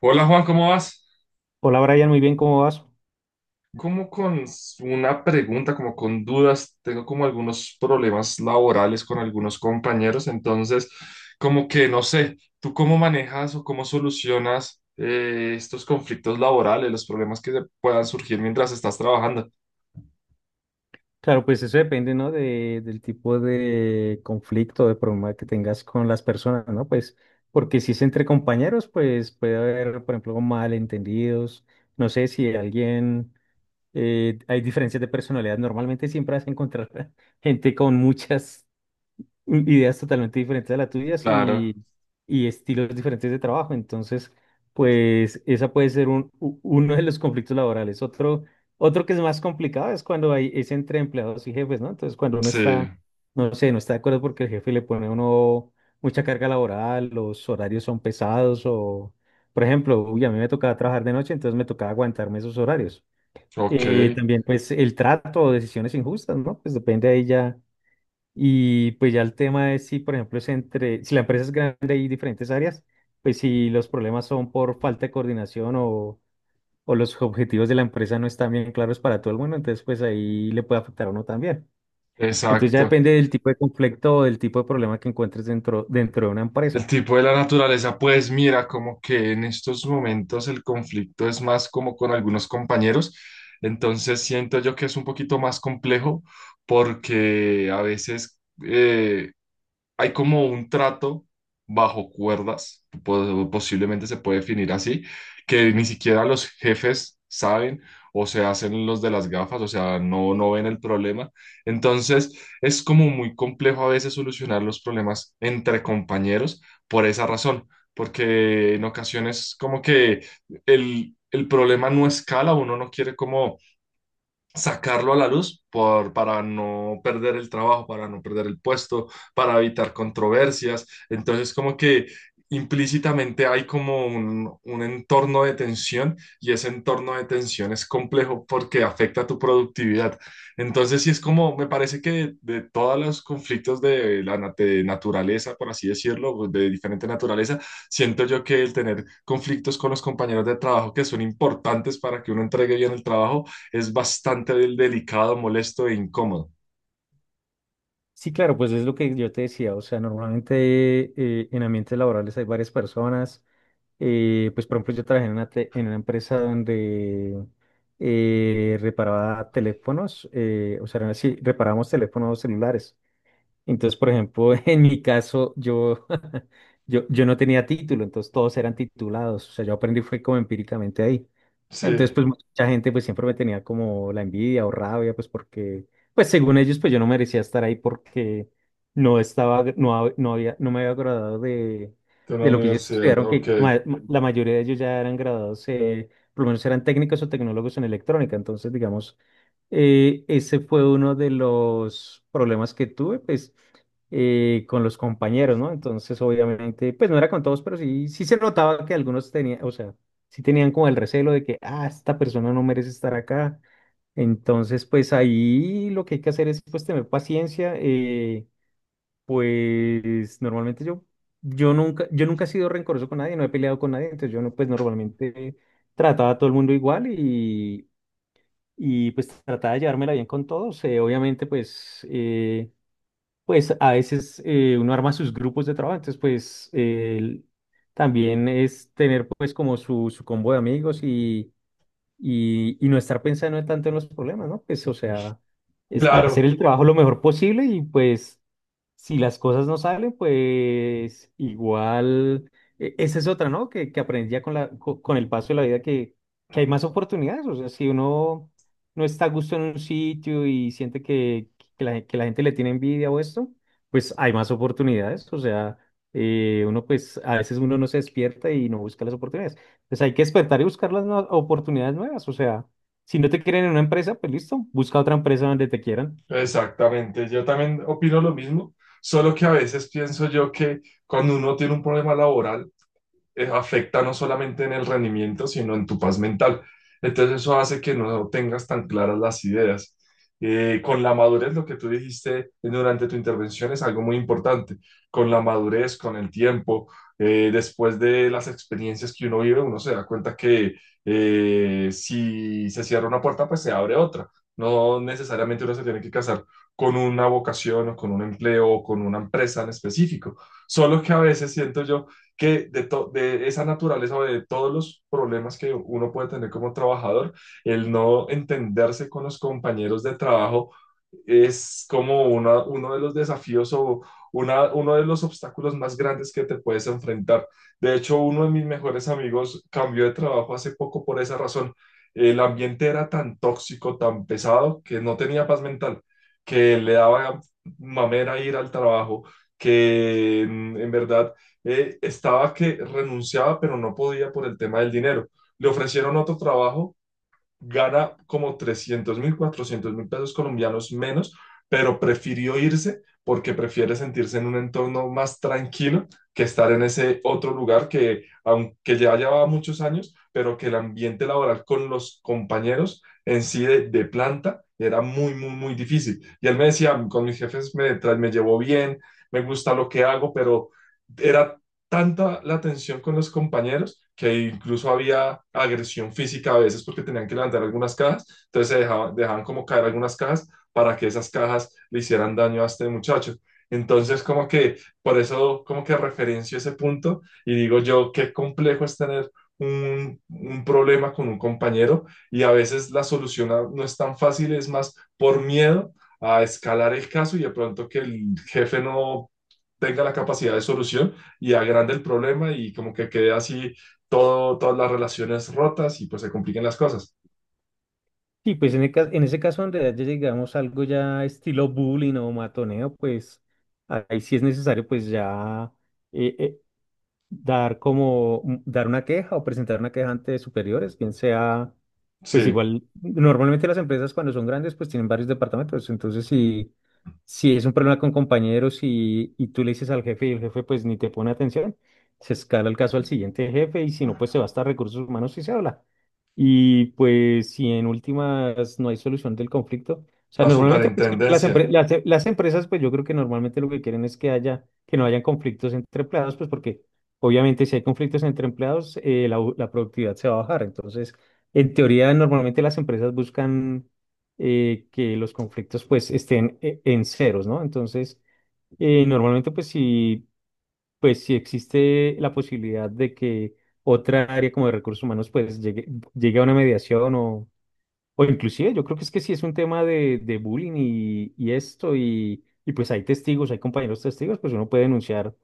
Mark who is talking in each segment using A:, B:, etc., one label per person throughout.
A: Hola Juan, ¿cómo vas?
B: Hola Brian, muy bien, ¿cómo vas?
A: Como con una pregunta, como con dudas, tengo como algunos problemas laborales con algunos compañeros, entonces como que no sé, ¿tú cómo manejas o cómo solucionas estos conflictos laborales, los problemas que puedan surgir mientras estás trabajando?
B: Claro, pues eso depende, ¿no? Del tipo de conflicto, de problema que tengas con las personas, ¿no? Pues porque si es entre compañeros, pues puede haber, por ejemplo, malentendidos, no sé si alguien, hay diferencias de personalidad, normalmente siempre vas a encontrar gente con muchas, ideas totalmente diferentes a las tuyas
A: Claro,
B: y estilos diferentes de trabajo. Entonces, pues esa puede ser uno de los conflictos laborales. Otro que es más complicado es cuando hay, es entre empleados y jefes, ¿no? Entonces, cuando uno
A: sí,
B: está, no sé, no está de acuerdo porque el jefe le pone a uno mucha carga laboral, los horarios son pesados o, por ejemplo, uy, a mí me tocaba trabajar de noche, entonces me tocaba aguantarme esos horarios.
A: ok,
B: También, pues, el trato o decisiones injustas, ¿no? Pues depende ahí ya y pues ya el tema es si, por ejemplo, es entre, si la empresa es grande y diferentes áreas, pues si los problemas son por falta de coordinación o los objetivos de la empresa no están bien claros para todo el mundo, entonces pues ahí le puede afectar a uno también. Entonces ya
A: exacto.
B: depende del tipo de conflicto o del tipo de problema que encuentres dentro de una
A: El
B: empresa.
A: tipo de la naturaleza, pues mira, como que en estos momentos el conflicto es más como con algunos compañeros, entonces siento yo que es un poquito más complejo porque a veces hay como un trato bajo cuerdas, posiblemente se puede definir así, que ni siquiera los jefes saben o se hacen los de las gafas, o sea, no, no ven el problema. Entonces, es como muy complejo a veces solucionar los problemas entre compañeros por esa razón, porque en ocasiones como que el problema no escala, uno no quiere como sacarlo a la luz por, para no perder el trabajo, para no perder el puesto, para evitar controversias. Entonces, como que implícitamente hay como un entorno de tensión y ese entorno de tensión es complejo porque afecta a tu productividad. Entonces, sí es como, me parece que de todos los conflictos de la de naturaleza, por así decirlo, de diferente naturaleza, siento yo que el tener conflictos con los compañeros de trabajo que son importantes para que uno entregue bien el trabajo, es bastante delicado, molesto e incómodo.
B: Sí, claro, pues es lo que yo te decía, o sea, normalmente en ambientes laborales hay varias personas pues por ejemplo yo trabajé en una empresa donde reparaba teléfonos, o sea, sí, reparábamos teléfonos celulares. Entonces, por ejemplo, en mi caso, yo, yo no tenía título, entonces todos eran titulados. O sea, yo aprendí fue como empíricamente ahí.
A: Sí,
B: Entonces,
A: de
B: pues mucha gente pues siempre me tenía como la envidia o rabia, pues porque, pues según ellos, pues yo no merecía estar ahí porque no estaba, no, no había, no me había graduado
A: una
B: de lo que ellos
A: universidad,
B: estudiaron, que
A: ok.
B: la mayoría de ellos ya eran graduados, por lo menos eran técnicos o tecnólogos en electrónica. Entonces, digamos, ese fue uno de los problemas que tuve, pues, con los compañeros, ¿no? Entonces, obviamente, pues no era con todos, pero sí, sí se notaba que algunos tenían, o sea, sí tenían como el recelo de que, ah, esta persona no merece estar acá. Entonces, pues ahí lo que hay que hacer es, pues, tener paciencia. Pues, normalmente yo, yo nunca he sido rencoroso con nadie, no he peleado con nadie, entonces yo no, pues, normalmente trataba a todo el mundo igual y pues trataba de llevármela bien con todos. Obviamente, pues, pues a veces uno arma sus grupos de trabajo, entonces pues también es tener pues como su combo de amigos y, y no estar pensando tanto en los problemas, ¿no? Pues o sea, es hacer
A: Claro,
B: el trabajo lo mejor posible y pues si las cosas no salen, pues igual, esa es otra, ¿no? Que aprendí ya con con el paso de la vida que hay más oportunidades. O sea, si uno no está a gusto en un sitio y siente que, que la gente le tiene envidia o esto, pues hay más oportunidades. O sea, uno pues a veces uno no se despierta y no busca las oportunidades. Pues hay que despertar y buscar las oportunidades nuevas. O sea, si no te quieren en una empresa, pues listo, busca otra empresa donde te quieran.
A: exactamente. Yo también opino lo mismo, solo que a veces pienso yo que cuando uno tiene un problema laboral, afecta no solamente en el rendimiento, sino en tu paz mental. Entonces eso hace que no tengas tan claras las ideas. Con la madurez, lo que tú dijiste durante tu intervención es algo muy importante. Con la madurez, con el tiempo, después de las experiencias que uno vive, uno se da cuenta que si se cierra una puerta, pues se abre otra. No necesariamente uno se tiene que casar con una vocación o con un empleo o con una empresa en específico. Solo que a veces siento yo que de, de esa naturaleza o de todos los problemas que uno puede tener como trabajador, el no entenderse con los compañeros de trabajo es como uno de los desafíos o una, uno de los obstáculos más grandes que te puedes enfrentar. De hecho, uno de mis mejores amigos cambió de trabajo hace poco por esa razón. El ambiente era tan tóxico, tan pesado, que no tenía paz mental, que le daba mamera ir al trabajo, que en verdad estaba que renunciaba, pero no podía por el tema del dinero. Le ofrecieron otro trabajo, gana como 300 mil, 400 mil pesos colombianos menos, pero prefirió irse porque prefiere sentirse en un entorno más tranquilo que estar en ese otro lugar que, aunque ya llevaba muchos años, pero que el ambiente laboral con los compañeros en sí de planta era muy, muy, muy difícil. Y él me decía, con mis jefes me, me llevo bien, me gusta lo que hago, pero era tanta la tensión con los compañeros que incluso había agresión física a veces porque tenían que levantar algunas cajas, entonces se dejaban, dejaban como caer algunas cajas para que esas cajas le hicieran daño a este muchacho. Entonces, como que por eso, como que referencio ese punto y digo yo, qué complejo es tener un problema con un compañero y a veces la solución no es tan fácil, es más por miedo a escalar el caso y de pronto que el jefe no tenga la capacidad de solución y agranda el problema y como que quede así todo, todas las relaciones rotas y pues se compliquen las cosas.
B: Sí, pues en ese caso, en realidad, ya llegamos a algo ya estilo bullying o matoneo, pues ahí sí es necesario, pues ya eh, eh, dar como dar una queja o presentar una queja ante superiores, bien sea, pues
A: Sí,
B: igual, normalmente las empresas cuando son grandes pues tienen varios departamentos, entonces si es un problema con compañeros y tú le dices al jefe y el jefe pues ni te pone atención, se escala el caso al siguiente jefe y si no pues se va hasta recursos humanos y se habla. Y pues si en últimas no hay solución del conflicto, o sea,
A: a
B: normalmente pues,
A: superintendencia.
B: las empresas pues yo creo que normalmente lo que quieren es que haya, que no hayan conflictos entre empleados pues porque obviamente, si hay conflictos entre empleados, la productividad se va a bajar. Entonces, en teoría, normalmente las empresas buscan que los conflictos pues estén en ceros, ¿no? Entonces, normalmente pues si existe la posibilidad de que otra área como de recursos humanos pues llegue, llegue a una mediación o inclusive yo creo que es que sí es un tema de bullying y esto, y pues hay testigos, hay compañeros testigos, pues uno puede denunciar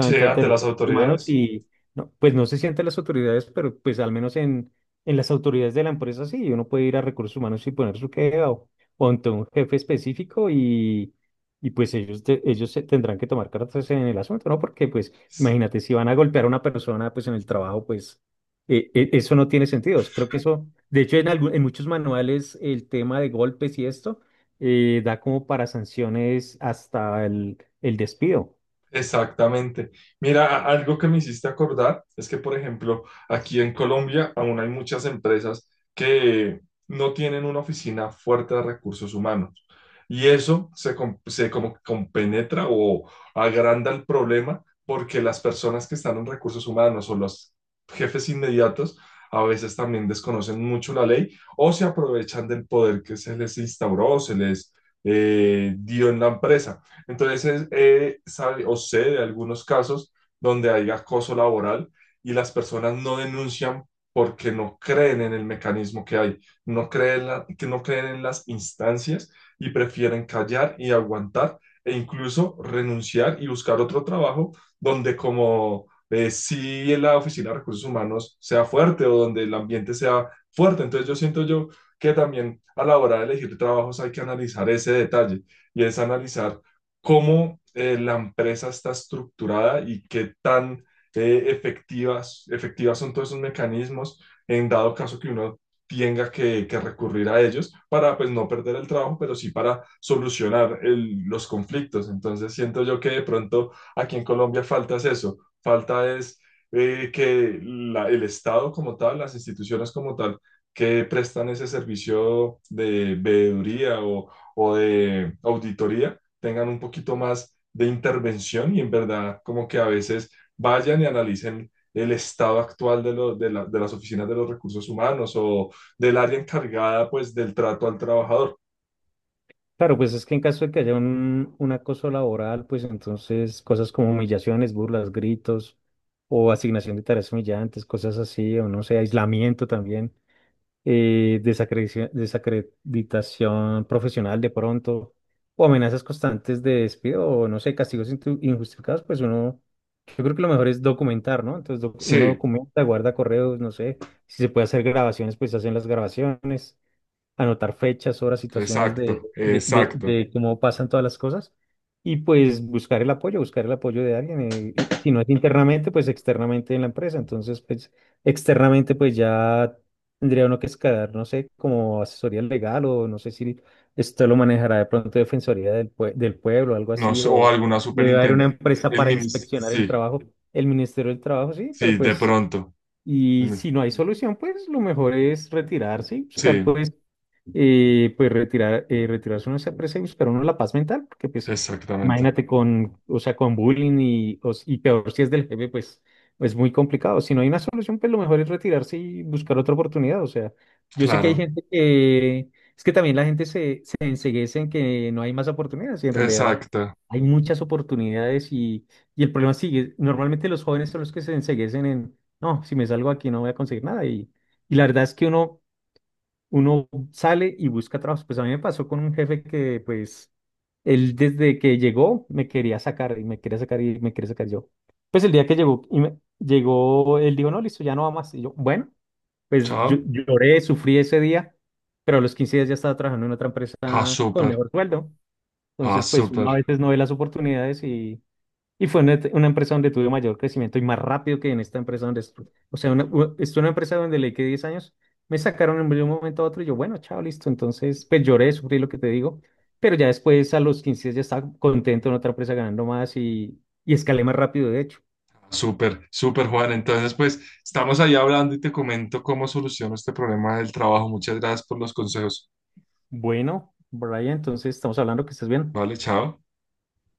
A: Sí,
B: ante
A: ante
B: recursos
A: las
B: humanos
A: autoridades.
B: y no, pues no se sienten las autoridades, pero pues al menos en las autoridades de la empresa sí, uno puede ir a recursos humanos y poner su queja o ante un jefe específico y pues ellos se tendrán que tomar cartas en el asunto, ¿no? Porque pues imagínate, si van a golpear a una persona pues en el trabajo, pues eso no tiene sentido. Creo que eso, de hecho, en muchos manuales el tema de golpes y esto da como para sanciones hasta el despido.
A: Exactamente. Mira, algo que me hiciste acordar es que, por ejemplo, aquí en Colombia aún hay muchas empresas que no tienen una oficina fuerte de recursos humanos. Y eso se, se como compenetra o agranda el problema porque las personas que están en recursos humanos o los jefes inmediatos a veces también desconocen mucho la ley o se aprovechan del poder que se les instauró o se les dio en la empresa. Entonces, sabe o sé de algunos casos donde hay acoso laboral y las personas no denuncian porque no creen en el mecanismo que hay, no creen, que no creen en las instancias y prefieren callar y aguantar e incluso renunciar y buscar otro trabajo donde como si la Oficina de Recursos Humanos sea fuerte o donde el ambiente sea fuerte. Entonces yo siento yo que también a la hora de elegir trabajos hay que analizar ese detalle y es analizar cómo la empresa está estructurada y qué tan efectivas son todos esos mecanismos en dado caso que uno tenga que recurrir a ellos para pues no perder el trabajo, pero sí para solucionar los conflictos. Entonces siento yo que de pronto aquí en Colombia falta es eso, falta es que el Estado como tal, las instituciones como tal, que prestan ese servicio de veeduría o de auditoría, tengan un poquito más de intervención y en verdad como que a veces vayan y analicen el estado actual de, de de las oficinas de los recursos humanos o del área encargada pues del trato al trabajador.
B: Claro, pues es que en caso de que haya un acoso laboral, pues entonces cosas como humillaciones, burlas, gritos o asignación de tareas humillantes, cosas así, o no sé, aislamiento también. Desacreditación profesional de pronto, o amenazas constantes de despido, o no sé, castigos injustificados, pues uno, yo creo que lo mejor es documentar, ¿no? Entonces uno
A: Sí,
B: documenta, guarda correos, no sé, si se puede hacer grabaciones, pues hacen las grabaciones anotar fechas, horas, situaciones de,
A: exacto, exacto.
B: de cómo pasan todas las cosas y pues buscar el apoyo de alguien. Y si no es internamente, pues externamente en la empresa. Entonces, pues externamente, pues ya tendría uno que escalar, no sé, como asesoría legal o no sé si esto lo manejará de pronto Defensoría del Pueblo, algo
A: No
B: así,
A: sé, o
B: o
A: alguna
B: debe haber una
A: superintendente.
B: empresa
A: El
B: para
A: ministro,
B: inspeccionar el
A: sí,
B: trabajo, el Ministerio del Trabajo, sí, pero
A: sí, de
B: pues...
A: pronto. El
B: Y
A: min-
B: si no hay solución, pues lo mejor es retirarse y buscar
A: Sí,
B: pues retirarse uno de esa presa y buscar uno la paz mental, porque pues
A: exactamente.
B: imagínate con, con bullying y, y peor si es del jefe, pues es muy complicado. Si no hay una solución, pues lo mejor es retirarse y buscar otra oportunidad. O sea, yo sé que hay
A: Claro,
B: gente que, es que también la gente se, se enceguece en que no hay más oportunidades y en realidad
A: exacto.
B: hay muchas oportunidades y el problema sigue. Normalmente los jóvenes son los que se enceguecen en, no, si me salgo aquí no voy a conseguir nada y... Y la verdad es que uno sale y busca trabajo. Pues a mí me pasó con un jefe que, pues, él desde que llegó me quería sacar y me quería sacar y me quería sacar yo. Pues el día que llegó, llegó, él dijo, no, listo, ya no va más. Y yo, bueno, pues yo
A: Chao.
B: lloré, sufrí ese día, pero a los 15 días ya estaba trabajando en otra empresa
A: Ah,
B: con
A: súper,
B: mejor sueldo.
A: ah,
B: Entonces, pues uno
A: súper.
B: a veces no ve las oportunidades y fue una empresa donde tuve mayor crecimiento y más rápido que en esta empresa donde estuve. O sea, estuve en una empresa donde le quedé 10 años, me sacaron de un momento a otro y yo, bueno, chao, listo. Entonces, pues lloré, sufrí lo que te digo, pero ya después a los 15 días ya estaba contento en otra empresa ganando más y escalé más rápido, de hecho.
A: Súper, súper, Juan. Entonces, pues estamos ahí hablando y te comento cómo soluciono este problema del trabajo. Muchas gracias por los consejos.
B: Bueno, Brian, entonces estamos hablando que estás bien.
A: Vale, chao.